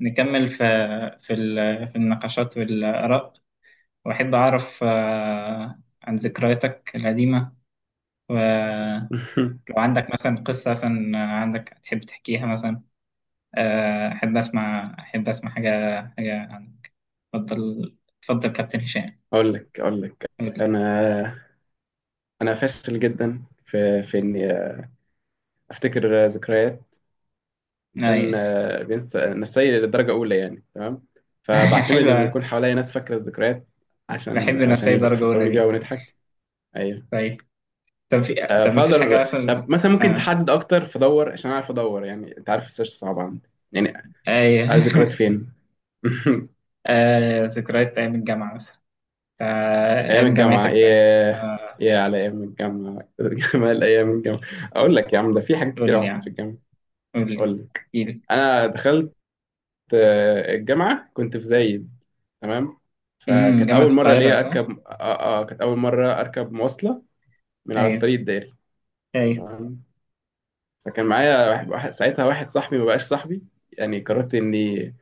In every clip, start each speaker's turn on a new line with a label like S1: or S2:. S1: نكمل في النقاشات والآراء، وأحب أعرف عن ذكرياتك القديمة. ولو عندك مثلا قصة، مثلا عندك تحب تحكيها مثلا. أحب أسمع حاجة، حاجة عنك. اتفضل اتفضل كابتن هشام.
S2: اقول لك.
S1: قولي.
S2: انا انا فاشل جدا في اني افتكر ذكريات. انسان،
S1: أي.
S2: بينسى نسي للدرجه اولى يعني، تمام. فبعتمد ان
S1: حلوة.
S2: يكون حواليا ناس فاكره الذكريات عشان
S1: بحب
S2: عشان
S1: الرسايل درجة أولى
S2: يفكروني بيها
S1: دي.
S2: ونضحك. ايوه.
S1: طيب. طب في. طب مفيش حاجة
S2: فاقدر
S1: مثلا؟
S2: طب مثلا ممكن
S1: آه.
S2: تحدد اكتر، فدور عشان اعرف ادور. يعني انت عارف السيرش صعب عندي يعني.
S1: أي.
S2: عايز ذكريات فين؟
S1: آه. ذكريات أيام الجامعة مثلا. آه،
S2: ايام
S1: أيام
S2: الجامعه؟
S1: جامعتك بقى. آه.
S2: ايه على ايام الجامعه. جمال ايام الجامعه. اقول لك يا عم، ده في حاجات
S1: قول
S2: كتير
S1: لي
S2: حصلت في
S1: يعني،
S2: الجامعه.
S1: قول لي،
S2: اقول لك،
S1: احكي.
S2: انا دخلت الجامعه، كنت في زايد. تمام.
S1: امم،
S2: فكانت
S1: جامعة
S2: اول مره
S1: القاهرة
S2: ليا
S1: صح؟
S2: اركب كانت اول مره اركب مواصله من على
S1: ايوه،
S2: الطريق الدائري.
S1: ايوه.
S2: تمام. فكان معايا ساعتها واحد صاحبي ما بقاش صاحبي. يعني قررت اني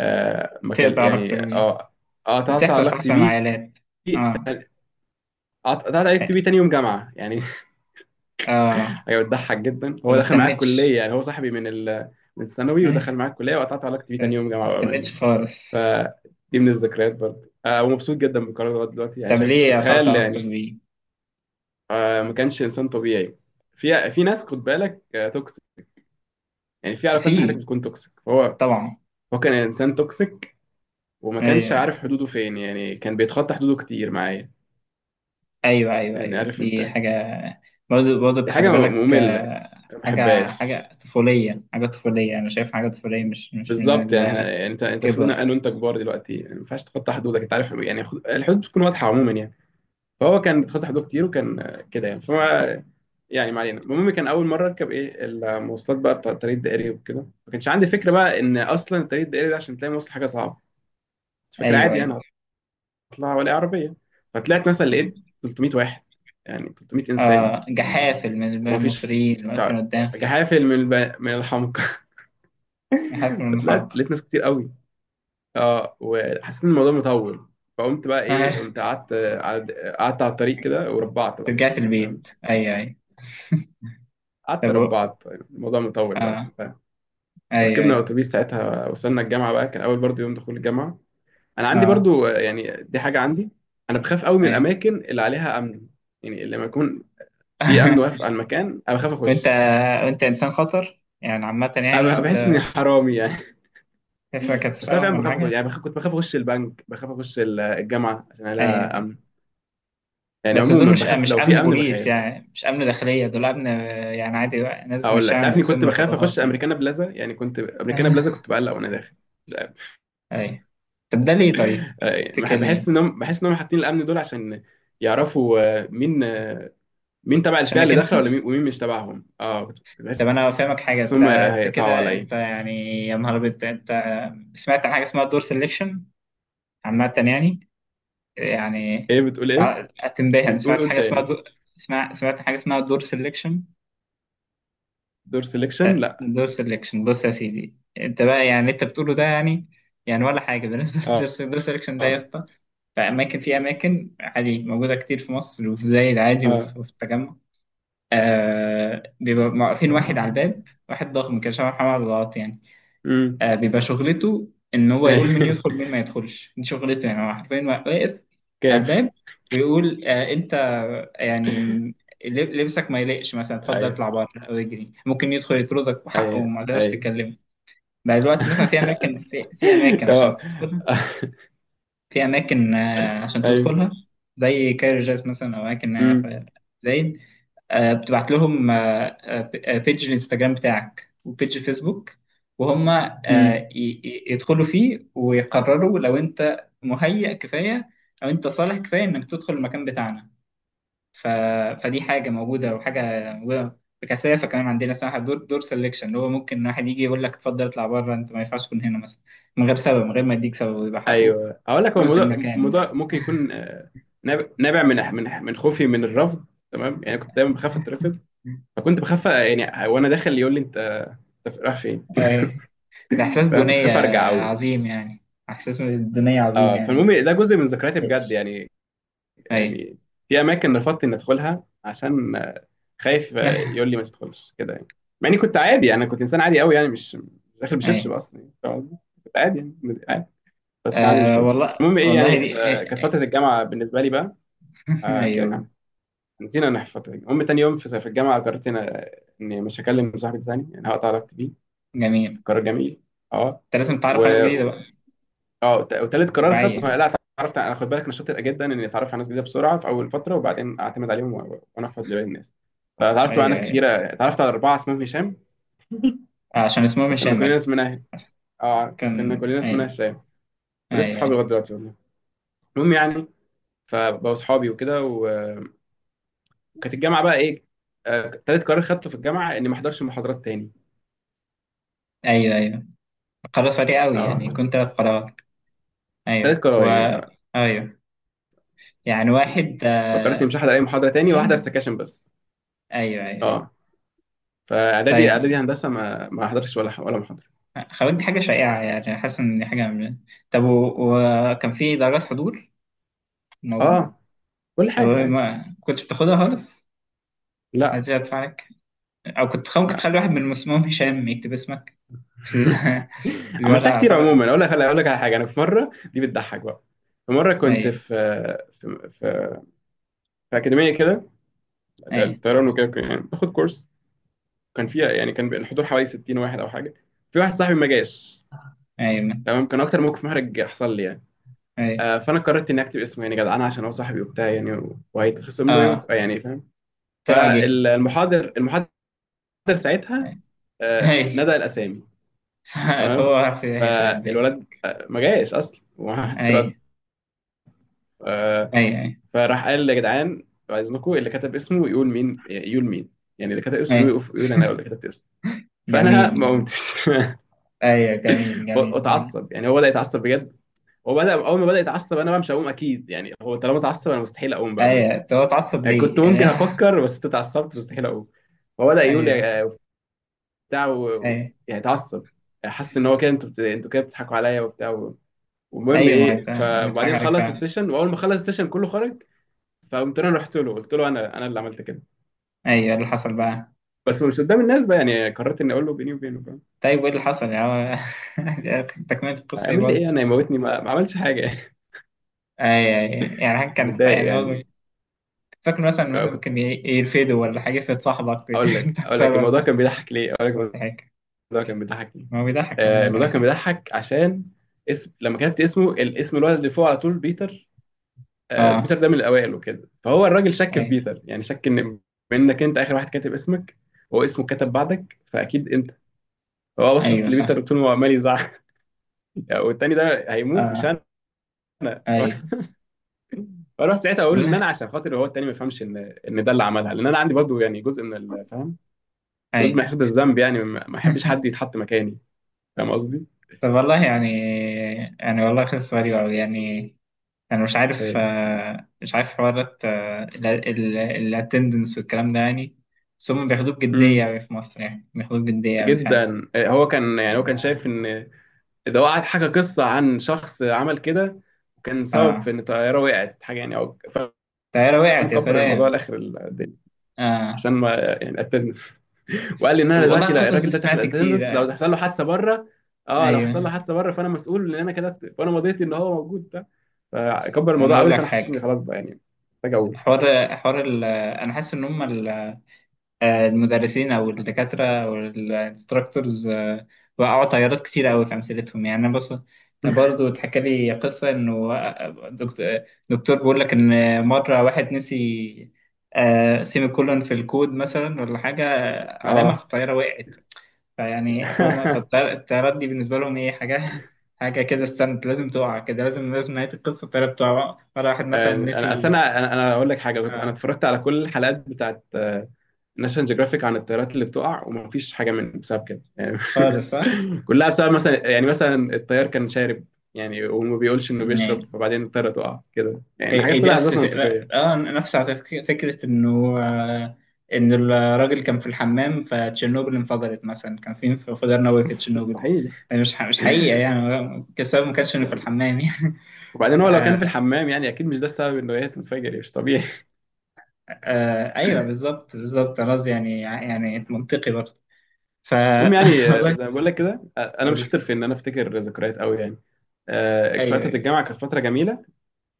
S2: ما كان
S1: تقطع
S2: يعني،
S1: اكتر من.
S2: اه قطعت
S1: بتحصل في
S2: علاقتي
S1: احسن
S2: بيه.
S1: العائلات. اه.
S2: تاني- قطعت علاقتي بيه تاني يوم جامعه يعني.
S1: اه انت،
S2: حاجه بتضحك جدا،
S1: ما
S2: هو دخل معايا
S1: استنيتش.
S2: الكليه. يعني هو صاحبي من الثانوي، ودخل
S1: إيه،
S2: معايا الكليه، وقطعت علاقتي بيه
S1: بس
S2: تاني يوم
S1: ما
S2: جامعه بامانه
S1: استنيتش
S2: يعني.
S1: خالص.
S2: فدي من الذكريات برضه. ومبسوط جدا بالقرار لغايه دلوقتي يعني.
S1: طب
S2: شايف،
S1: ليه قطعت
S2: تخيل
S1: علاقتك
S2: يعني.
S1: بيه؟
S2: ما كانش انسان طبيعي. في ناس خد بالك توكسيك. يعني في علاقات في حياتك
S1: في.
S2: بتكون توكسيك. فهو
S1: طبعا.
S2: هو كان انسان توكسيك، وما كانش
S1: ايوه،
S2: عارف حدوده فين. يعني كان بيتخطى حدوده كتير معايا،
S1: ايوه، ايوه،
S2: يعني
S1: ايوه
S2: عارف انت.
S1: دي حاجة. برضه برضه
S2: دي
S1: خلي
S2: حاجه
S1: بالك
S2: ممله يعني، ما
S1: حاجة،
S2: بحبهاش
S1: حاجة طفولية، حاجة طفولية، أنا شايف حاجة طفولية مش
S2: بالظبط.
S1: من
S2: يعني يعني انت المفروض،
S1: الكبر.
S2: انا وانت كبار دلوقتي، يعني ما ينفعش تخطى حدودك انت عارف يعني. الحدود بتكون واضحه عموما يعني. فهو كان بيتخطى حدوده كتير، وكان كده يعني فما. يعني ما علينا. المهم، كان اول مره اركب ايه المواصلات بقى بتاع الطريق الدائري وكده. ما كانش عندي فكره بقى ان اصلا الطريق الدائري ده، عشان تلاقي مواصل حاجه صعبه. كنت فاكر
S1: أيوه
S2: عادي
S1: أيوه.
S2: انا هطلع ولا عربيه. فطلعت مثلا لقيت 300 واحد، يعني 300 انسان.
S1: آه، جحافل من
S2: ومفيش
S1: المصريين اللي واقفين
S2: شعب.
S1: قدامك.
S2: جحافل من الحمق.
S1: جحافل من
S2: فطلعت
S1: الحلقة.
S2: لقيت ناس كتير قوي. اه وحسيت ان الموضوع مطول. فقمت بقى ايه،
S1: آه،
S2: قمت قعدت، قعدت على الطريق كده، وربعت بقى.
S1: رجعت
S2: فاهم،
S1: البيت. أيوه أيوه.
S2: قعدت
S1: طب و-.
S2: ربعت، الموضوع مطول
S1: آه.
S2: بقى.
S1: أيوه
S2: وركبنا
S1: أيوه.
S2: اتوبيس ساعتها، وصلنا الجامعه بقى. كان اول برضو يوم دخول الجامعه. انا عندي
S1: آه.
S2: برضو يعني دي حاجه عندي، انا بخاف قوي من
S1: أيوه.
S2: الاماكن اللي عليها امن. يعني لما يكون في امن واقف على المكان، انا بخاف
S1: وأنت،
S2: اخش،
S1: وأنت إنسان خطر يعني عامة يعني
S2: انا بحس
S1: أنت،
S2: اني حرامي يعني.
S1: تفرق
S2: بس انا
S1: هتسرقهم
S2: فعلا
S1: ولا
S2: بخاف اخش،
S1: حاجة.
S2: يعني بخاف. كنت بخاف اخش البنك، بخاف اخش الجامعه عشان
S1: أيوه
S2: لها
S1: أيوه.
S2: امن. يعني
S1: بس دول
S2: عموما
S1: مش
S2: بخاف،
S1: مش
S2: لو
S1: أمن
S2: في امن
S1: بوليس
S2: بخاف.
S1: يعني، مش أمن داخلية، دول أمن يعني عادي بقى، ناس مش
S2: اقول لك،
S1: شعب
S2: تعرفني كنت
S1: لابسين
S2: بخاف اخش
S1: رفرافات يعني.
S2: امريكانا بلازا. يعني كنت امريكانا بلازا
S1: آه،
S2: كنت بقلق وانا داخل، مش عارف.
S1: أيوه. طب ده ليه طيب؟ تفتكر ليه؟
S2: بحس انهم حاطين الامن دول عشان يعرفوا مين تبع الفئة
S1: عشانك
S2: اللي
S1: أنت؟
S2: داخلة، ولا مين، ومين مش تبعهم. اه كنت
S1: طب
S2: بحس
S1: انا فاهمك حاجه،
S2: ان
S1: انت
S2: هم
S1: انت
S2: هيقطعوا
S1: كده انت
S2: عليا.
S1: يعني. يا نهار ابيض انت. سمعت عن حاجه اسمها دور سelection عامه يعني. يعني
S2: ايه بتقول،
S1: انت
S2: ايه؟
S1: هتنبهر، انا
S2: بتقول
S1: سمعت
S2: قول
S1: حاجه اسمها
S2: تاني.
S1: دور. اسمع، سمعت حاجه اسمها دور سelection.
S2: دور سيلكشن؟ لا.
S1: دور سelection. بص يا سيدي انت بقى يعني اللي انت بتقوله ده يعني يعني ولا حاجه بالنسبه
S2: اه،
S1: للدور سelection ده يا
S2: اه،
S1: اسطى. في اماكن، في اماكن عادي موجوده كتير في مصر، وفي زايد عادي،
S2: اه.
S1: وفي وفي التجمع. آه، بيبقى واقفين واحد على الباب. واحد ضخم كده شبه محمد الغلط يعني.
S2: امم.
S1: بيبقى شغلته ان هو يقول مين يدخل مين ما يدخلش، دي شغلته يعني. هو حرفيا واقف على
S2: كام؟
S1: الباب ويقول آه انت يعني لبسك ما يليقش مثلا، اتفضل
S2: ايوه،
S1: اطلع بره او اجري. ممكن يدخل يطردك وحقه
S2: ايوه،
S1: وما تقدرش
S2: ايوه.
S1: تتكلم. بقى دلوقتي مثلا في اماكن، في اماكن
S2: تمام.
S1: عشان تدخلها. في أماكن عشان
S2: ايوه.
S1: تدخلها، زي كايرو جاز مثلا، أو أماكن
S2: امم،
S1: في زايد، بتبعت لهم بيج الانستجرام بتاعك وبيج الفيسبوك، وهم
S2: امم.
S1: يدخلوا فيه ويقرروا لو أنت مهيأ كفاية، أو أنت صالح كفاية إنك تدخل المكان بتاعنا. ف... فدي حاجة موجودة، وحاجة موجودة بكثافة كمان عندنا، اسمها دور سelection، اللي هو ممكن واحد يجي يقول لك اتفضل اطلع بره، أنت ما ينفعش تكون هنا مثلا، من غير سبب، من غير ما يديك سبب، ويبقى حقه.
S2: ايوه، هقول لك. هو
S1: فرص
S2: الموضوع
S1: المكان.
S2: الموضوع ممكن يكون نابع من خوفي من الرفض. تمام، يعني كنت دايما بخاف اترفض. فكنت بخاف يعني وانا داخل يقول لي انت رايح فين.
S1: أي. ده إحساس
S2: فاهم، كنت
S1: دونية
S2: خايف ارجع قوي يعني.
S1: عظيم يعني، إحساس من الدونية عظيم
S2: اه
S1: يعني.
S2: فالمهم،
S1: ما
S2: ده جزء من ذكرياتي بجد
S1: ليش.
S2: يعني.
S1: أي.
S2: يعني في اماكن رفضت اني ادخلها عشان خايف، يقول لي ما تدخلش كده يعني. مع اني كنت عادي. يعني انا كنت انسان عادي قوي، يعني مش داخل بشبشب
S1: أي.
S2: اصلا يعني، فاهم قصدي؟ كنت عادي يعني، عادي، بس كان عندي
S1: أه
S2: مشكله.
S1: والله
S2: المهم ايه
S1: والله
S2: يعني،
S1: دي.
S2: كانت فتره الجامعه بالنسبه لي بقى، احكي لك
S1: أيوه.
S2: عنها. نسينا ان في فتره الجامعة. المهم تاني يوم في الجامعه قررت اني مش هكلم صاحبي ده تاني، يعني هقطع علاقتي بيه.
S1: جميل أنت.
S2: قرار جميل. اه
S1: لازم تعرف
S2: و...
S1: على ناس جديدة بقى.
S2: اه وتالت قرار خدته،
S1: طبيعية.
S2: لا، اتعرفت. انا خد بالك، انا شاطر جدا اني اتعرف على ناس جديده بسرعه في اول فتره، وبعدين اعتمد عليهم وانفض لباقي الناس. فاتعرفت بقى على
S1: أيوه
S2: ناس
S1: أيوه.
S2: كتيره، اتعرفت على اربعه اسمهم هشام.
S1: عشان اسمهم
S2: فكنا
S1: هشام
S2: كلنا
S1: أكتر.
S2: اسمنا
S1: عشان.
S2: اه عارف. كنا
S1: كان
S2: كلنا اسمنا
S1: أيوه.
S2: هشام. ولسه
S1: أيوه
S2: صحابي
S1: أيوه
S2: لغايه دلوقتي والله. المهم يعني، فبقوا صحابي وكده، وكانت الجامعه بقى ايه. تالت قرار خدته في الجامعه اني ما احضرش محاضرات تاني.
S1: أيوه. أيوه. قرار سريع أوي
S2: اه
S1: يعني،
S2: كنت-
S1: كنت ثلاث قرارات. أيوه،
S2: تالت قرار
S1: و.
S2: يعني
S1: أيوه، يعني واحد،
S2: فكرت مش هحضر اي محاضره تاني، وهحضر
S1: اتنين.
S2: سكاشن بس.
S1: أيوه أيوه أيوه.
S2: اه فاعدادي، اعدادي
S1: طيب.
S2: هندسه ما احضرش ولا محاضره.
S1: خوات دي حاجة شائعة يعني، حاسس إن دي حاجة من... طب و-، وكان في درجات حضور في الموضوع؟
S2: اه، كل
S1: طب
S2: حاجه عادي.
S1: ما كنتش بتاخدها خالص؟
S2: لا،
S1: محدش يدفع عليك؟ أو كنت ممكن
S2: لا.
S1: تخلي واحد من المسموم هشام يكتب اسمك في ال- في الورقة
S2: عملتها كتير
S1: أعتقد.
S2: عموما. اقول لك، على حاجه، انا في مره دي بتضحك بقى. في مره كنت
S1: أي.
S2: في، في في, في اكاديميه كده
S1: أي.
S2: الطيران وكده، يعني باخد كورس. كان فيها يعني كان الحضور حوالي 60 واحد او حاجه. في واحد صاحبي ما جاش.
S1: أي من.
S2: تمام. كان اكتر موقف محرج حصل لي يعني.
S1: أي.
S2: فانا قررت اني اكتب اسمه. يعني جدعان، عشان هو صاحبي وبتاع يعني، وهيتخصم له يوم،
S1: آه.
S2: يعني فاهم.
S1: طلع جه.
S2: المحاضر ساعتها
S1: أي.
S2: نادى الاسامي.
S1: فهو
S2: تمام.
S1: عارف إيه هيخرب بيت.
S2: فالولد ما جايش اصلا، وما حدش رد.
S1: أي.
S2: آه،
S1: أي أي.
S2: فراح قال يا جدعان، بعد اذنكم اللي كتب اسمه يقول مين، يقول مين. يعني اللي كتب اسمه
S1: أي.
S2: يقول، انا اللي كتبت اسمه. فانا
S1: جميل
S2: ما
S1: جميل.
S2: قمتش.
S1: أيوة جميل جميل جميل.
S2: واتعصب يعني، هو بدا يتعصب بجد. هو بدا، اول ما بدا يتعصب انا بقى مش هقوم اكيد. يعني هو طالما اتعصب، انا مستحيل اقوم بقى بجد
S1: أيوة، طب هو اتعصب
S2: يعني. كنت
S1: ليه؟ يعني.
S2: ممكن افكر، بس انت اتعصبت مستحيل اقوم. هو بدا يقول
S1: أيوة.
S2: بتاع
S1: أيوة.
S2: يعني اتعصب. حس ان هو كده، انتوا انتوا كده بتضحكوا عليا وبتاع. والمهم
S1: ايوه، ما
S2: ايه،
S1: انت بيضحك
S2: فبعدين
S1: عليك
S2: خلص
S1: فعلا.
S2: السيشن، واول ما خلص السيشن كله خرج. فقمت انا رحت له، قلت له، انا اللي عملت كده،
S1: ايوه، اللي حصل بقى.
S2: بس مش قدام الناس بقى. يعني قررت اني اقول له بيني وبينه، فاهم.
S1: طيب وايه اللي حصل يعني هو- تكملة القصة ايه
S2: هيعمل لي
S1: برضه؟
S2: ايه انا، يموتني؟ ما عملش حاجه يعني.
S1: اي اي، يعني حاجة كانت
S2: متضايق
S1: يعني برضه.
S2: يعني.
S1: فاكر مثلا، مثلا
S2: كنت
S1: ممكن يرفدوا ولا حاجة، يفرض صاحبك. انت
S2: اقول لك،
S1: بسبب
S2: الموضوع
S1: ده،
S2: كان بيضحك ليه. اقول لك،
S1: بسبب حاجة.
S2: الموضوع كان بيضحك ليه.
S1: ما هو بيضحك من غير
S2: الموضوع
S1: اي
S2: كان
S1: حاجة.
S2: بيضحك عشان اسم، لما كتبت اسمه، الاسم الولد اللي فوق على طول بيتر.
S1: اه.
S2: بيتر ده من الاوائل وكده، فهو الراجل شك في
S1: اي.
S2: بيتر. يعني شك ان، منك انت اخر واحد كاتب اسمك، هو اسمه كتب بعدك، فاكيد انت. هو بصت
S1: ايوه صح.
S2: لبيتر طول ما هو عمال يزعق. والتاني ده هيموت، مش
S1: اه.
S2: انا.
S1: ايوه.
S2: فاروح ساعتها اقول ان
S1: والله.
S2: انا، عشان خاطر هو التاني ما يفهمش ان، ده اللي عملها. لان انا عندي برضه يعني جزء من الفهم، جزء من
S1: اي.
S2: احساس بالذنب. يعني ما احبش حد يتحط مكاني، فاهم قصدي؟
S1: طب والله يعني، يعني والله قصة غريبة أوي يعني. يعني مش عارف،
S2: ايه،
S1: مش عارف حوارات الاتندنس والكلام ده يعني. بس هم بياخدوه بجدية
S2: امم،
S1: أوي في مصر يعني، بياخدوه بجدية أوي فعلا.
S2: جدا. إيه، هو كان يعني هو كان شايف ان ده، هو قعد حكى قصه عن شخص عمل كده، وكان سبب في
S1: اه.
S2: ان الطياره وقعت حاجه يعني، او فاهم.
S1: الطيارة وقعت يا
S2: كبر الموضوع
S1: سلام.
S2: لاخر الدنيا،
S1: اه.
S2: عشان ما يعني قتلنا. وقال لي ان انا
S1: والله
S2: دلوقتي، لا،
S1: القصص دي
S2: الراجل ده تاخد
S1: سمعت كتير.
S2: اتندنس
S1: آه.
S2: لو حصل له حادثه بره. اه لو
S1: ايوه،
S2: حصل له حادثه بره، فانا مسؤول ان انا كده، فانا مضيت ان هو موجود ده. فكبر
S1: انا
S2: الموضوع
S1: اقول
S2: قوي،
S1: لك
S2: فانا حسيت اني
S1: حاجة.
S2: خلاص بقى، يعني محتاج اقول
S1: حوار ال... انا حاسس ان هم المدرسين او الدكاتره او الانستراكتورز، وقعوا طيارات كتير قوي في امثلتهم يعني. انا بص، برضه اتحكى لي قصه انه دكتور بيقول لك ان مره واحد نسي سيمي كولون في الكود مثلا ولا حاجه، علامه، في
S2: اه.
S1: الطياره وقعت. فيعني فهم، فالطيارات دي بالنسبه لهم ايه حاجه، حاجه كده استنت لازم تقع كده، لازم لازم نهايه القصه الطياره بتقع. مره واحد مثلا
S2: انا اصل
S1: نسي
S2: انا اقول لك حاجه. انا
S1: آه،
S2: اتفرجت على كل الحلقات بتاعت ناشونال جيوغرافيك عن الطيارات اللي بتقع، ومفيش حاجه من بسبب كده يعني.
S1: خالص صح؟
S2: كلها بسبب، مثلا يعني مثلا الطيار كان شارب، يعني وما بيقولش انه بيشرب، فبعدين الطياره تقع كده. يعني
S1: إيه
S2: حاجات
S1: إيه، دي
S2: كلها
S1: نفس
S2: اسباب
S1: فكرة،
S2: منطقيه.
S1: اه نفس على فكرة انه ان الراجل كان في الحمام فتشيرنوبل انفجرت مثلا، كان في انفجار نووي في تشيرنوبل.
S2: مستحيل
S1: يعني مش حقيقة يعني، السبب ما كانش انه في
S2: يعني.
S1: الحمام يعني.
S2: وبعدين هو لو كان في
S1: آه.
S2: الحمام يعني، اكيد مش ده السبب انه هي تنفجر يعني، مش طبيعي.
S1: آه ايوه بالظبط بالظبط، خلاص يعني، يعني منطقي برضه. ف.
S2: المهم يعني،
S1: والله.
S2: زي ما بقول لك كده، انا
S1: اقول
S2: مش شاطر
S1: لك،
S2: في ان انا افتكر ذكريات قوي يعني.
S1: ايوه
S2: فتره
S1: ايوه
S2: الجامعه كانت فتره جميله.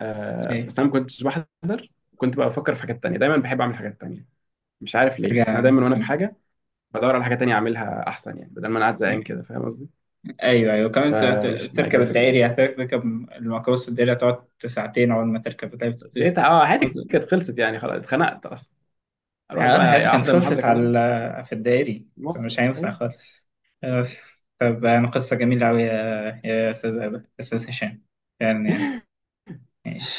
S1: ايوه.
S2: بس انا ما كنتش بحد. كنت بقى بفكر في حاجات تانية دايما، بحب اعمل حاجات تانية. مش عارف ليه،
S1: حاجة
S2: بس انا دايما وانا في
S1: عظيمة.
S2: حاجه بدور على حاجه تانية اعملها احسن، يعني بدل ما انا قاعد زهقان كده، فاهم قصدي.
S1: ايوه ايوه كمان،
S2: فمش معايا
S1: تركب
S2: كده في الجامعه.
S1: الدائري، هتركب الميكروباص الدائري، هتقعد ساعتين اول ما تركب.
S2: زهقت. اه حياتي كانت خلصت يعني خلاص، اتخنقت اصلا. اروح
S1: اه حياتي
S2: بقى
S1: كانت
S2: احضر محاضره
S1: خلصت
S2: كمان
S1: على في الدائري. فمش
S2: مواصله
S1: هينفع
S2: أيوه.
S1: خالص. بس طب أنا قصة جميلة أوي يا يا أستاذ أبا أستاذ هشام، فعلا يعني. ماشي.